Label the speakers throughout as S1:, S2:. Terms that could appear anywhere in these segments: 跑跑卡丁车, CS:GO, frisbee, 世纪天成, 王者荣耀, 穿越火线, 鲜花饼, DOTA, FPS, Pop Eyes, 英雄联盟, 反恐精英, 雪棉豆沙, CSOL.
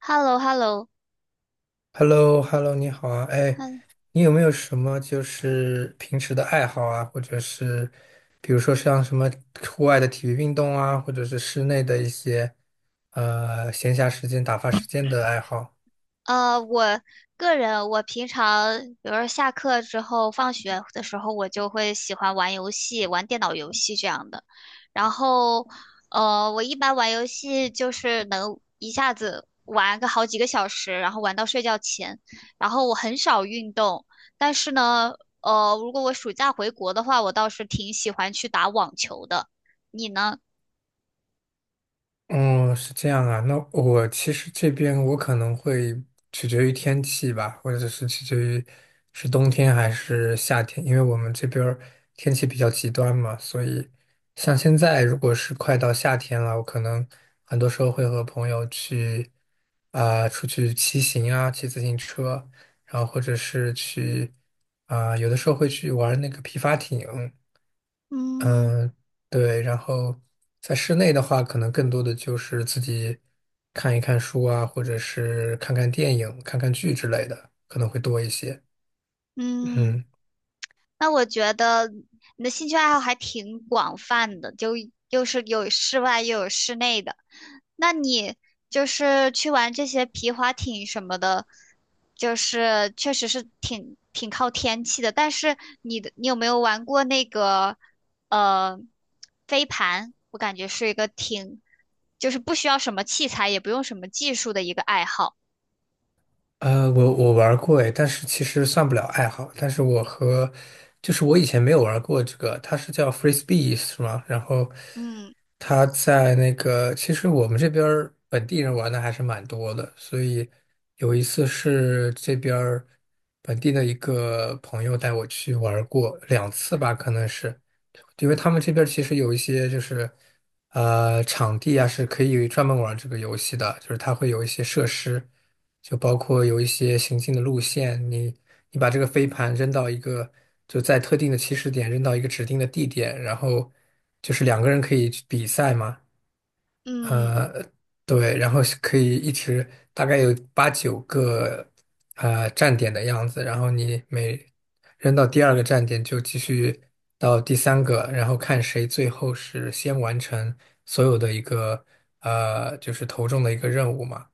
S1: h e l l o h e l l o。
S2: h e l l o h e l l o 你好啊，哎，
S1: 嗯，
S2: 你有没有什么就是平时的爱好啊，或者是比如说像什么户外的体育运动啊，或者是室内的一些闲暇时间、打发时间的爱好？
S1: 我个人，我平常，比如说下课之后、放学的时候，我就会喜欢玩游戏，玩电脑游戏这样的。然后，我一般玩游戏就是能一下子玩个好几个小时，然后玩到睡觉前。然后我很少运动，但是呢,如果我暑假回国的话，我倒是挺喜欢去打网球的。你呢？
S2: 哦，是这样啊。那我其实这边我可能会取决于天气吧，或者是取决于是冬天还是夏天，因为我们这边儿天气比较极端嘛，所以像现在如果是快到夏天了，我可能很多时候会和朋友去啊、出去骑行啊，骑自行车，然后或者是去啊、有的时候会去玩那个皮划艇。
S1: 嗯
S2: 嗯，对，然后在室内的话，可能更多的就是自己看一看书啊，或者是看看电影、看看剧之类的，可能会多一些。
S1: 嗯，
S2: 嗯。
S1: 那我觉得你的兴趣爱好还挺广泛的，就又是有室外又有室内的。那你就是去玩这些皮划艇什么的，就是确实是挺靠天气的。但是你有没有玩过那个呃飞盘？我感觉是一个挺就是不需要什么器材，也不用什么技术的一个爱好。
S2: 我玩过诶，但是其实算不了爱好。但是我和就是我以前没有玩过这个，它是叫 f r e s b e e 是吗？然后
S1: 嗯
S2: 他在那个，其实我们这边儿本地人玩的还是蛮多的。所以有一次是这边儿本地的一个朋友带我去玩过两次吧，可能是。因为他们这边儿其实有一些就是，场地啊是可以专门玩这个游戏的，就是它会有一些设施，就包括有一些行进的路线，你把这个飞盘扔到一个就在特定的起始点扔到一个指定的地点，然后就是两个人可以去比赛嘛，
S1: 嗯
S2: 呃，对，然后是可以一直大概有八九个站点的样子，然后你每扔到第二个站点就继续到第三个，然后看谁最后是先完成所有的一个就是投中的一个任务嘛，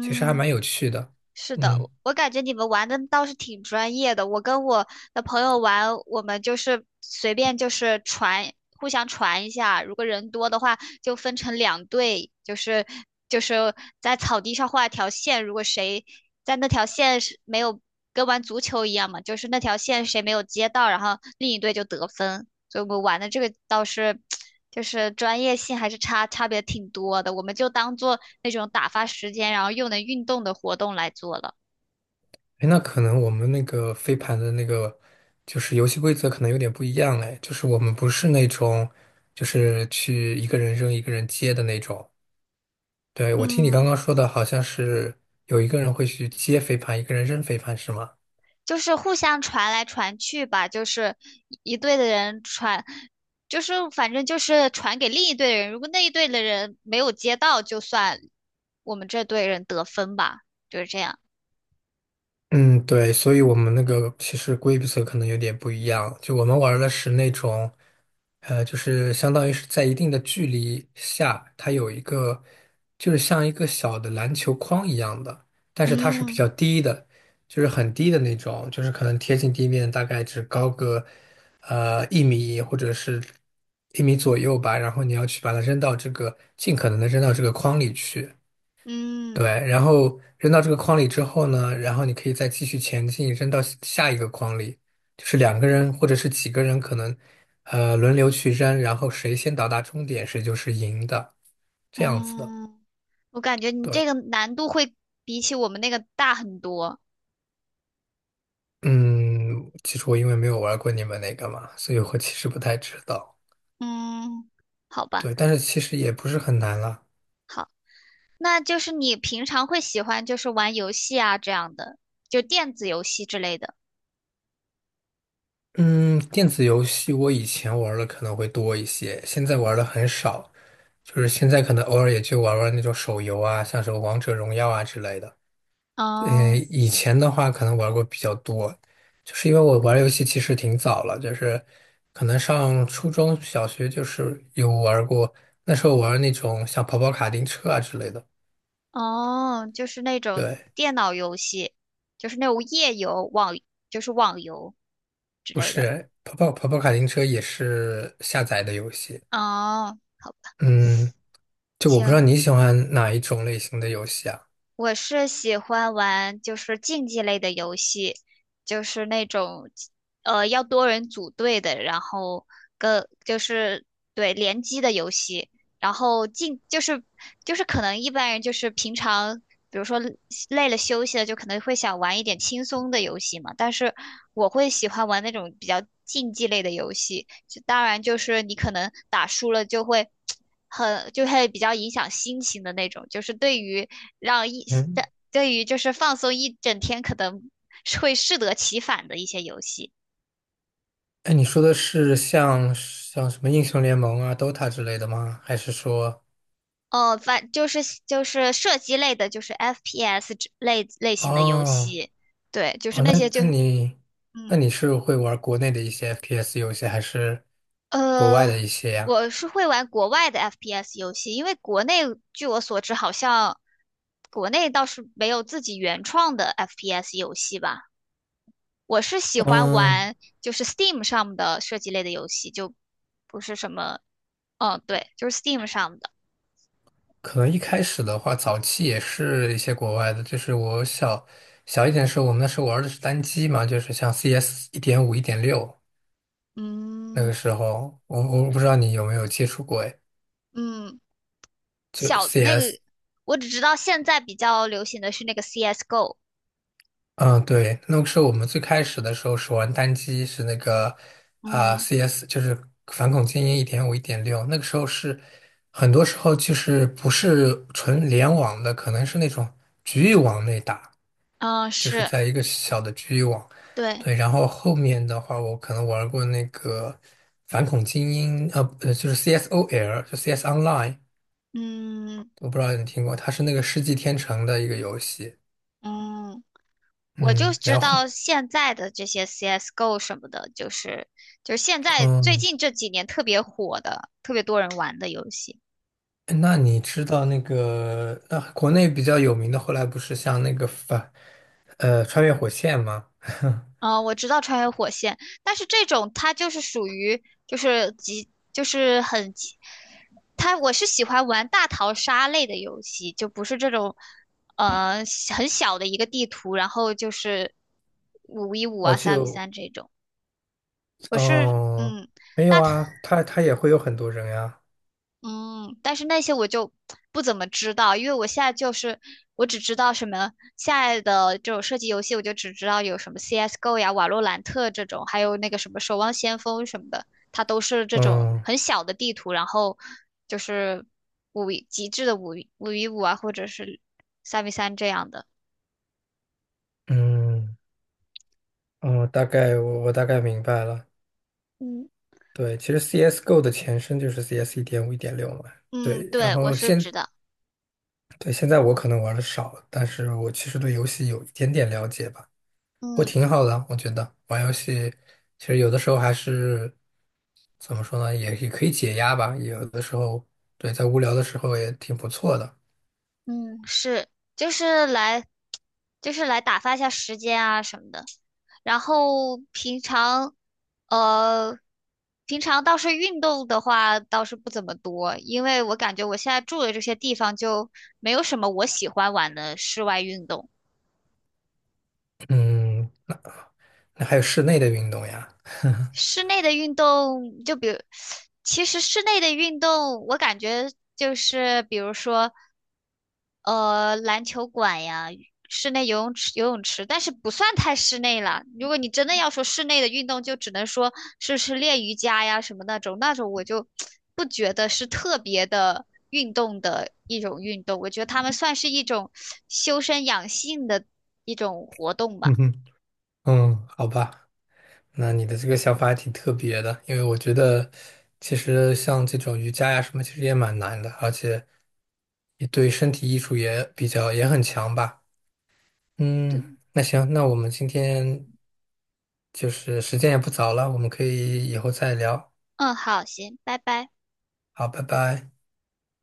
S2: 其实还蛮有趣的。
S1: 是的，
S2: 嗯，
S1: 我感觉你们玩的倒是挺专业的。我跟我的朋友玩，我们就是随便就是传，互相传一下。如果人多的话，就分成两队，就是在草地上画一条线，如果谁在那条线是没有跟玩足球一样嘛，就是那条线谁没有接到，然后另一队就得分。所以我们玩的这个倒是 就是专业性还是差别挺多的，我们就当做那种打发时间，然后又能运动的活动来做了。
S2: 哎，那可能我们那个飞盘的那个就是游戏规则可能有点不一样嘞。就是我们不是那种就是去一个人扔一个人接的那种。对，我听你刚
S1: 嗯。
S2: 刚说的好像是有一个人会去接飞盘，一个人扔飞盘，是吗？
S1: 就是互相传来传去吧，就是一队的人传，就是反正就是传给另一队的人，如果那一队的人没有接到，就算我们这队人得分吧，就是这样。
S2: 嗯，对，所以我们那个其实规则可能有点不一样，就我们玩的是那种，就是相当于是在一定的距离下，它有一个，就是像一个小的篮球框一样的，但是它是比
S1: 嗯
S2: 较低的，就是很低的那种，就是可能贴近地面，大概只高个，一米或者是一米左右吧，然后你要去把它扔到这个，尽可能的扔到这个框里去。
S1: 嗯
S2: 对，然后扔到这个筐里之后呢，然后你可以再继续前进，扔到下一个筐里，就是两个人或者是几个人可能，轮流去扔，然后谁先到达终点，谁就是赢的，这样子的。
S1: 嗯，我感觉你这
S2: 对，
S1: 个难度会比起我们那个大很多。
S2: 嗯，其实我因为没有玩过你们那个嘛，所以我其实不太知道。
S1: 嗯，好吧，
S2: 对，但是其实也不是很难了。
S1: 好，那就是你平常会喜欢就是玩游戏啊这样的，就电子游戏之类的。
S2: 嗯，电子游戏我以前玩的可能会多一些，现在玩的很少。就是现在可能偶尔也就玩玩那种手游啊，像什么王者荣耀啊之类的。
S1: 嗯。
S2: 以前的话可能玩过比较多，就是因为我玩游戏其实挺早了，就是可能上初中小学就是有玩过，那时候玩那种像跑跑卡丁车啊之类的。
S1: 哦，就是那种
S2: 对，
S1: 电脑游戏，就是那种页游、网，就是网游之
S2: 不
S1: 类的。
S2: 是跑跑卡丁车也是下载的游戏。
S1: 哦，好吧，
S2: 嗯，就我不知道
S1: 行，
S2: 你喜欢哪一种类型的游戏啊？
S1: 我是喜欢玩就是竞技类的游戏，就是那种要多人组队的，然后跟就是对联机的游戏，然后竞就是就是可能一般人就是平常比如说累了休息了，就可能会想玩一点轻松的游戏嘛，但是我会喜欢玩那种比较竞技类的游戏，就当然就是你可能打输了就会 很就会比较影响心情的那种，就是对于让一对
S2: 嗯。
S1: 对于就是放松一整天可能是会适得其反的一些游戏。
S2: 哎，你说的是像什么英雄联盟啊、DOTA 之类的吗？还是说，
S1: 哦，反就是就是射击类的，就是 FPS 类型的游
S2: 哦
S1: 戏，对，就是
S2: 哦，
S1: 那
S2: 那
S1: 些就
S2: 那你那
S1: 嗯
S2: 你是会玩国内的一些 FPS 游戏，还是国外
S1: 呃，
S2: 的一些呀？
S1: 我是会玩国外的 FPS 游戏，因为国内据我所知好像国内倒是没有自己原创的 FPS 游戏吧。我是喜欢
S2: 嗯，
S1: 玩就是 Steam 上的设计类的游戏，就不是什么，嗯，对，就是 Steam 上的，
S2: 可能一开始的话，早期也是一些国外的，就是我小一点的时候，我们那时候玩的是单机嘛，就是像 CS 一点五、1.6，那个
S1: 嗯
S2: 时候我
S1: 对
S2: 不知道你有没有接触过，哎，
S1: 嗯，
S2: 就
S1: 小那
S2: CS。
S1: 个，我只知道现在比较流行的是那个 CS:GO,
S2: 嗯，对，那个时候我们最开始的时候是玩单机是那个啊、
S1: 嗯
S2: CS，就是反恐精英一点五、一点六。那个时候是很多时候就是不是纯联网的，可能是那种局域网内打，
S1: 嗯，
S2: 就是
S1: 是
S2: 在一个小的局域网。
S1: 对，
S2: 对，然后后面的话，我可能玩过那个反恐精英，就是 CSOL，就 CS Online，
S1: 嗯
S2: 我不知道你听过，它是那个世纪天成的一个游戏。
S1: 嗯，我就
S2: 嗯，
S1: 知
S2: 然后
S1: 道现在的这些 CS:GO 什么的，就是就是现在最
S2: 嗯。
S1: 近这几年特别火的，特别多人玩的游戏。
S2: 那你知道那个，那、国内比较有名的，后来不是像那个反，穿越火线吗？
S1: 我知道穿越火线，但是这种它就是属于就是极就是很极，它我是喜欢玩大逃杀类的游戏，就不是这种呃很小的一个地图，然后就是五 v 五
S2: 我
S1: 啊三 v
S2: 就，
S1: 三这种。我是
S2: 哦，
S1: 嗯
S2: 没有
S1: 大逃。
S2: 啊，他也会有很多人呀，
S1: 嗯，但是那些我就不怎么知道，因为我现在就是我只知道什么现在的这种射击游戏，我就只知道有什么 CS:GO 呀、瓦洛兰特这种，还有那个什么守望先锋什么的，它都是这种
S2: 嗯
S1: 很小的地图，然后就是五 v 五啊，或者是三 v 三这样的。
S2: 嗯嗯，大概我大概明白了。
S1: 嗯，
S2: 对，其实 CS:GO 的前身就是 CS 一点五、一点六嘛。
S1: 嗯，
S2: 对，然
S1: 对，我
S2: 后
S1: 是
S2: 现
S1: 知道。
S2: 对现在我可能玩的少了，但是我其实对游戏有一点点了解吧。我
S1: 嗯
S2: 挺好的，我觉得玩游戏其实有的时候还是怎么说呢，也可以解压吧。有的时候，对，在无聊的时候也挺不错的。
S1: 嗯，是，就是来，就是来打发一下时间啊什么的。然后平常，呃，平常倒是运动的话倒是不怎么多，因为我感觉我现在住的这些地方就没有什么我喜欢玩的室外运动。
S2: 嗯，那还有室内的运动呀
S1: 室内的运动，就比如，其实室内的运动，我感觉就是比如说，篮球馆呀，室内游泳池，但是不算太室内了。如果你真的要说室内的运动，就只能说是练瑜伽呀什么那种，那种我就不觉得是特别的运动的一种运动，我觉得他们算是一种修身养性的一种活动吧。
S2: 嗯哼，嗯，好吧，那你的这个想法还挺特别的，因为我觉得其实像这种瑜伽呀什么，其实也蛮难的，而且也对身体艺术也比较也很强吧。嗯，
S1: 对，
S2: 那行，那我们今天就是时间也不早了，我们可以以后再聊。
S1: 嗯，好，行，拜拜。
S2: 好，拜拜。